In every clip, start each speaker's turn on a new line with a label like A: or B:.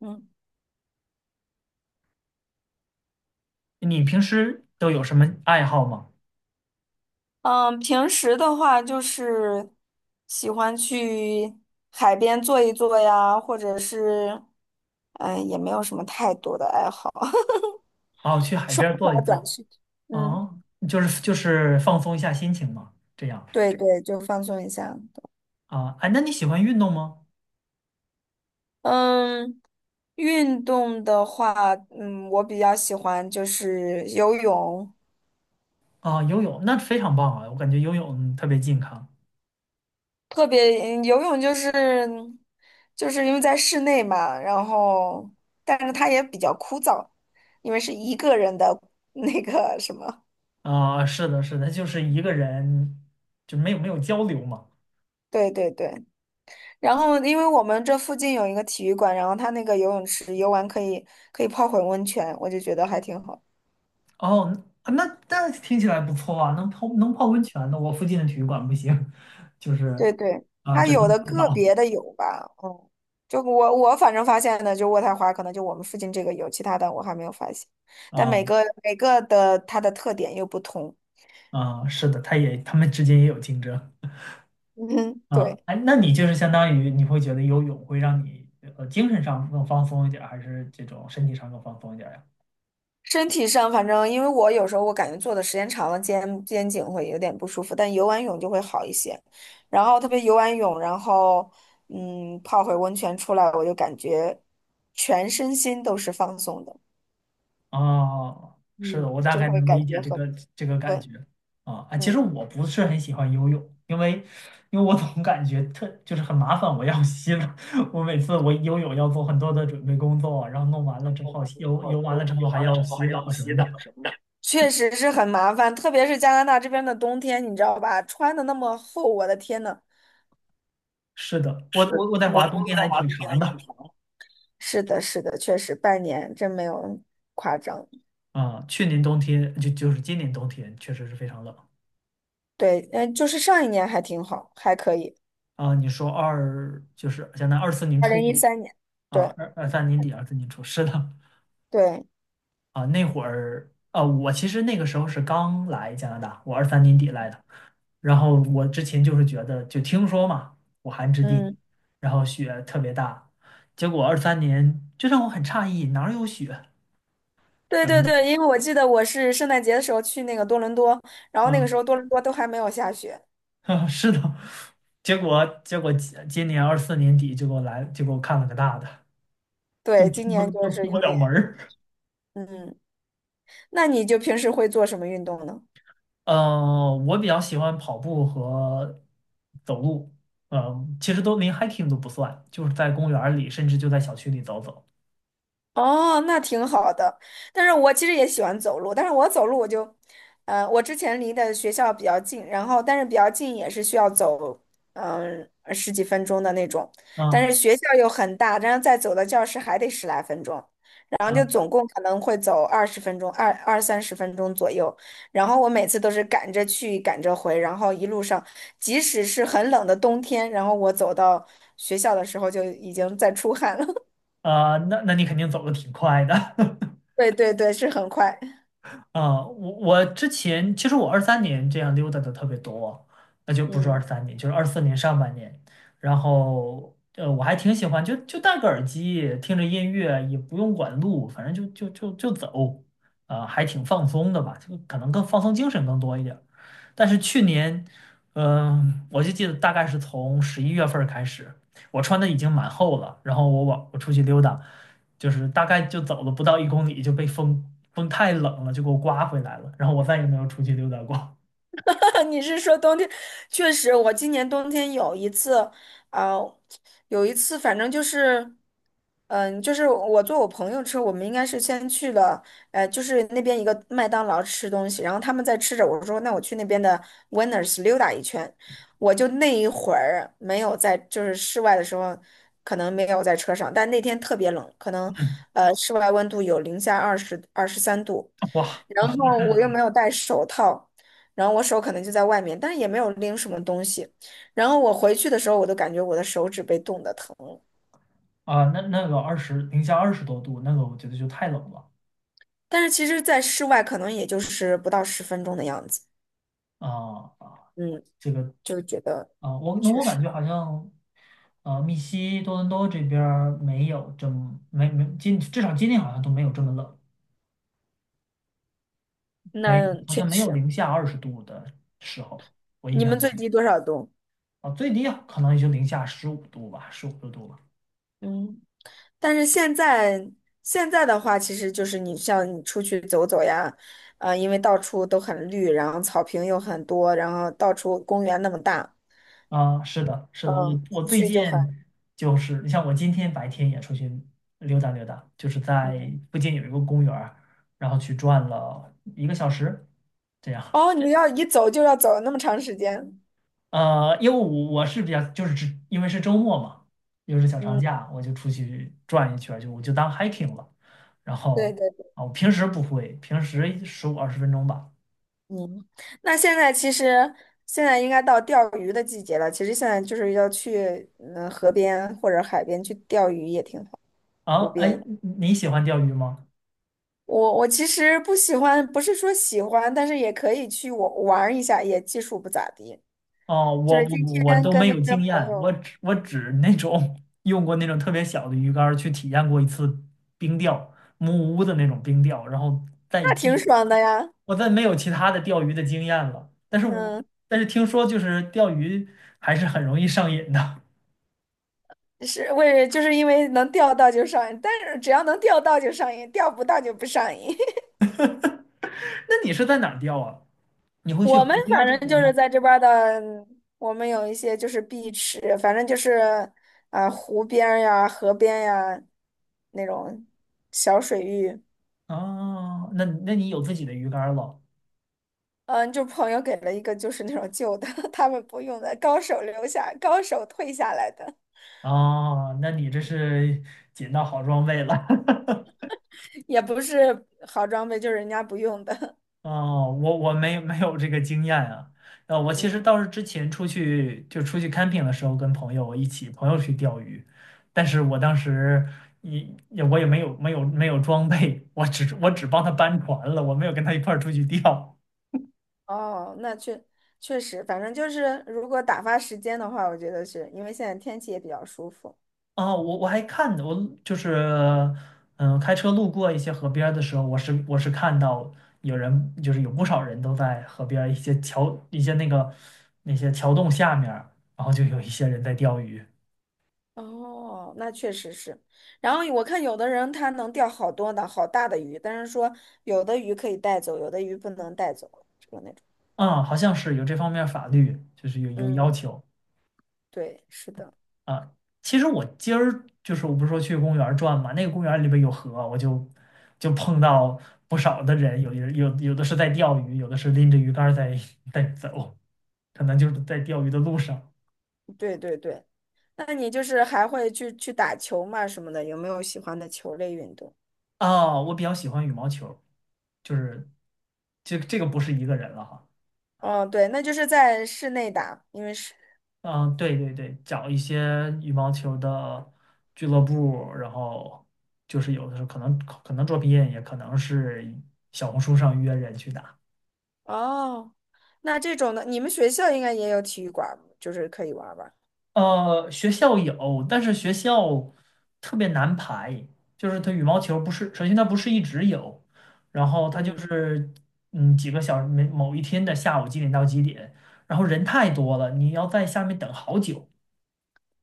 A: 嗯
B: 你平时都有什么爱好吗？
A: 嗯，平时的话就是喜欢去海边坐一坐呀，或者是也没有什么太多的爱好，
B: 哦，去海
A: 刷
B: 边儿坐一
A: 刷短
B: 坐。
A: 视频。嗯，
B: 哦，就是放松一下心情嘛，这样。
A: 对对，就放松一下。
B: 啊，哎，那你喜欢运动吗？
A: 嗯，运动的话，我比较喜欢就是游泳。
B: 啊，游泳那非常棒啊，我感觉游泳特别健康。
A: 特别游泳就是因为在室内嘛，然后但是它也比较枯燥，因为是一个人的那个什么，
B: 啊，是的，是的，就是一个人，就没有交流嘛。
A: 对对对。然后因为我们这附近有一个体育馆，然后它那个游泳池游完可以泡会儿温泉，我就觉得还挺好。
B: 哦，那听起来不错啊，能泡温泉的。我附近的体育馆不行，就是
A: 对对，
B: 啊，
A: 它
B: 只能
A: 有的
B: 洗
A: 个
B: 澡。
A: 别的有吧，就我反正发现的就渥太华可能就我们附近这个有，其他的我还没有发现，但
B: 啊
A: 每个每个的它的特点又不同。
B: 啊，是的，他们之间也有竞争。
A: 嗯，
B: 啊，
A: 对，
B: 哎，那你就是相当于你会觉得游泳会让你精神上更放松一点儿，还是这种身体上更放松一点儿呀？
A: 身体上反正因为我有时候我感觉坐的时间长了肩颈会有点不舒服，但游完泳就会好一些。然后特别游完泳，然后泡会温泉出来，我就感觉全身心都是放松的，
B: 哦，是的，
A: 嗯，
B: 我大
A: 就
B: 概
A: 会
B: 能
A: 感
B: 理解
A: 觉
B: 这
A: 很
B: 个感
A: 对，
B: 觉啊。哎，其实
A: 嗯，
B: 我不是很喜欢游泳，因为我总感觉就是很麻烦，我要洗了。每次我游泳要做很多的准备工作，然后弄完了之后游完了之后还要洗澡什么的。
A: 确实是很麻烦，特别是加拿大这边的冬天，你知道吧？穿的那么厚，我的天呐，
B: 是的，我太华冬天还挺
A: 嗯。
B: 长的。
A: 是的，是的，确实半年真没有夸张。
B: 啊，去年冬天就是今年冬天确实是非常冷。
A: 对，嗯，就是上一年还挺好，还可以。
B: 啊，你说就是现在于二四年
A: 二
B: 初
A: 零一
B: 嘛，
A: 三年，
B: 啊，
A: 对
B: 二三年底，二四年初，是的。
A: 对，
B: 啊，那会儿啊，我其实那个时候是刚来加拿大，我二三年底来的。然后我之前就是觉得就听说嘛，武汉之地，
A: 嗯，
B: 然后雪特别大，结果二三年就让我很诧异，哪儿有雪？
A: 对对对，
B: 然
A: 因为我记得我是圣诞节的时候去那个多伦多，然后那个
B: 后
A: 时候多伦多都还没有下雪。
B: 啊，是的。结果今年24年底就给我来，就给我看了个大的。
A: 对，今年就
B: 都
A: 是
B: 出不
A: 有
B: 了
A: 点，
B: 门儿。
A: 嗯，那你就平时会做什么运动呢？
B: 我比较喜欢跑步和走路。其实都连 hiking 都不算，就是在公园儿里，甚至就在小区里走走。
A: 哦，那挺好的。但是我其实也喜欢走路，但是我走路我就，我之前离的学校比较近，然后但是比较近也是需要走，十几分钟的那种。但
B: 啊
A: 是学校又很大，然后再走到教室还得十来分钟，然后就
B: 啊
A: 总共可能会走20分钟，二三十分钟左右。然后我每次都是赶着去，赶着回，然后一路上，即使是很冷的冬天，然后我走到学校的时候就已经在出汗了。
B: 啊，那你肯定走的挺快的。
A: 对对对，是很快。
B: 啊，我之前其实我二三年这样溜达的特别多，那就不是二
A: 嗯，
B: 三年，就是24年上半年。然后我还挺喜欢，就戴个耳机，听着音乐，也不用管路，反正就走。啊，还挺放松的吧，就可能更放松精神更多一点。但是去年，我就记得大概是从11月份儿开始，我穿的已经蛮厚了，然后我出去溜达，就是大概就走了不到1公里就被风，风太冷了，就给我刮回来了，然后我再也没有出去溜达过。
A: 你是说冬天？确实，我今年冬天有一次，啊、有一次，反正就是，就是我坐我朋友车，我们应该是先去了，就是那边一个麦当劳吃东西，然后他们在吃着，我说那我去那边的 Winners 溜达一圈，我就那一会儿没有在，就是室外的时候，可能没有在车上，但那天特别冷，可能
B: 嗯。
A: 呃室外温度有零下23度。
B: 哇。
A: 然
B: 哇。
A: 后我又没有戴手套，然后我手可能就在外面，但是也没有拎什么东西。然后我回去的时候，我都感觉我的手指被冻得疼了。
B: 啊，那个零下20多度，那个我觉得就太冷了。
A: 但是其实，在室外可能也就是不到十分钟的样子。
B: 啊啊，
A: 嗯，
B: 这个
A: 就觉得
B: 啊，我那
A: 确
B: 我感
A: 实，
B: 觉好像。多伦多这边儿没有这么没至少今天好像都没有这么冷。没，
A: 那
B: 好
A: 确
B: 像没有
A: 实，
B: 零下20度的时候，我印
A: 你
B: 象
A: 们
B: 中。
A: 最低多少度？
B: 啊，最低啊可能也就零下15度吧，十五六度吧。
A: 嗯，但是现在的话，其实就是你像你出去走走呀，啊，因为到处都很绿，然后草坪又很多，然后到处公园那么大。
B: 啊，是的，是的，我
A: 嗯，
B: 我最
A: 去
B: 近
A: 就很，
B: 就是，你像我今天白天也出去溜达溜达，就是在
A: 嗯，
B: 附近有一个公园儿，然后去转了一个小时，这样。
A: 哦，你要一走就要走那么长时间，
B: 因为我是比较就是只因为是周末嘛，又是小长
A: 嗯，
B: 假，我就出去转一圈儿我就当 hiking 了。然
A: 对
B: 后
A: 对对，
B: 啊，我平时不会，平时十五二十分钟吧。
A: 嗯，那现在其实现在应该到钓鱼的季节了，其实现在就是要去河边或者海边去钓鱼也挺好，
B: 啊，
A: 湖
B: 哎，
A: 边。
B: 你喜欢钓鱼吗？
A: 我其实不喜欢，不是说喜欢，但是也可以去我玩儿一下，也技术不咋地。
B: 哦，
A: 就
B: 我
A: 是
B: 我
A: 今
B: 我
A: 天
B: 都
A: 跟
B: 没
A: 那
B: 有
A: 个
B: 经
A: 朋
B: 验，我
A: 友，
B: 只我只用过那种特别小的鱼竿儿去体验过一次冰钓，木屋的那种冰钓，然后
A: 那挺爽的呀，
B: 我再没有其他的钓鱼的经验了，但是
A: 嗯。
B: 但是听说就是钓鱼还是很容易上瘾的。
A: 就是因为能钓到就上瘾，但是只要能钓到就上瘾，钓不到就不上瘾。
B: 那你是在哪儿钓啊？你 会去
A: 我
B: 河
A: 们
B: 边儿
A: 反
B: 这
A: 正
B: 边
A: 就是
B: 吗？
A: 在这边儿的，我们有一些就是碧池，反正就是啊、湖边儿呀、河边呀那种小水域。
B: 啊，那你有自己的鱼竿儿了？
A: 嗯，就朋友给了一个就是那种旧的，他们不用的，高手留下，高手退下来的，
B: 哦，那你这是捡到好装备了。
A: 也不是好装备，就是人家不用的。
B: 哦，我没有这个经验啊。我其
A: 嗯。
B: 实倒是之前出去 camping 的时候，跟朋友一起朋友去钓鱼，但是我当时我也没有装备，我只帮他搬船了，我没有跟他一块儿出去钓。
A: 哦，那确实，反正就是如果打发时间的话，我觉得是因为现在天气也比较舒服。
B: 啊，我还看我就是开车路过一些河边儿的时候，我是看到就是有不少人都在河边儿一些桥一些那个那些桥洞下面儿，然后就有一些人在钓鱼。
A: 哦，那确实是。然后我看有的人他能钓好多的好大的鱼，但是说有的鱼可以带走，有的鱼不能带走，就是那种。
B: 啊，好像是有这方面法律，就是有要
A: 嗯，
B: 求
A: 对，是的，
B: 啊。其实我今儿就是不是说去公园儿转嘛，那个公园儿里边有河，我就碰到不少的人，有有的是在钓鱼，有的是拎着鱼竿儿在 在走，可能就是在钓鱼的路上。
A: 对对对。那你就是还会去打球嘛什么的，有没有喜欢的球类运动？
B: 啊。我比较喜欢羽毛球，就是这个不是一个人了哈。
A: 哦，对，那就是在室内打，因为室
B: 嗯，对对对，找一些羽毛球的俱乐部，然后就是有的时候可能作品也可能是小红书上约人去打。
A: 哦，那这种的，你们学校应该也有体育馆儿就是可以玩儿吧？
B: 学校有，但是学校特别难排，就是它羽毛球不是，首先它不是一直有，然后它就
A: 嗯，
B: 是几个小时，某一天的下午几点到几点，然后人太多了，你要在下面等好久。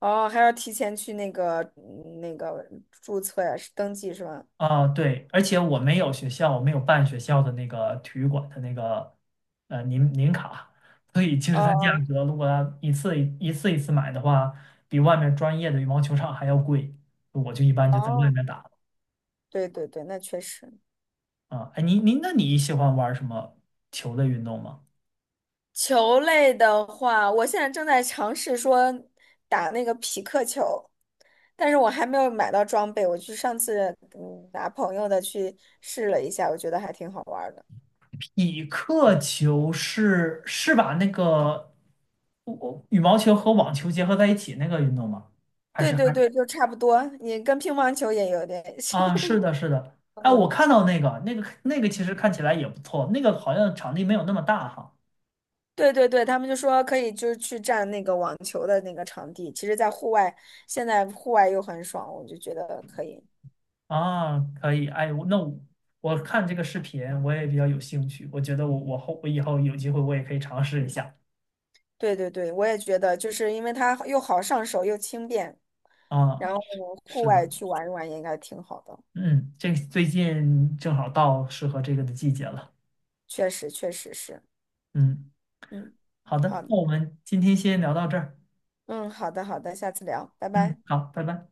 A: 哦，还要提前去那个注册呀，是登记是吧？
B: 啊，对，而且我没有办学校的那个体育馆的那个年卡，所以其实它价
A: 哦
B: 格如果它一次买的话，比外面专业的羽毛球场还要贵。我就一般
A: 哦
B: 就在外
A: 哦，
B: 面打了。
A: 对对对，那确实。
B: 啊。哎，那你喜欢玩什么球类运动吗？
A: 球类的话，我现在正在尝试说打那个匹克球，但是我还没有买到装备。我去上次拿朋友的去试了一下，我觉得还挺好玩儿的。
B: 匹克球是把那个羽毛球和网球结合在一起那个运动吗？还
A: 对
B: 是
A: 对
B: 还？
A: 对，就差不多，你跟乒乓球也有点像。
B: 啊，是的，是的，哎，我 看到那个，那个其实
A: 嗯。
B: 看起来也不错，那个好像场地没有那么大哈。
A: 对对对，他们就说可以就是去占那个网球的那个场地，其实，在户外现在户外又很爽，我就觉得可以。
B: 啊，可以，哎，我那我，看这个视频我也比较有兴趣，我觉得我以后有机会我也可以尝试一下。
A: 对对对，我也觉得，就是因为它又好上手又轻便，
B: 啊，
A: 然后户
B: 是的。
A: 外去玩一玩也应该挺好的。
B: 嗯，这个最近正好到适合这个的季节了。
A: 确实，确实是，
B: 嗯，
A: 嗯，
B: 好的，
A: 好，
B: 那我们今天先聊到这儿。
A: 嗯，好的，好的，下次聊，拜
B: 嗯，
A: 拜。
B: 好，拜拜。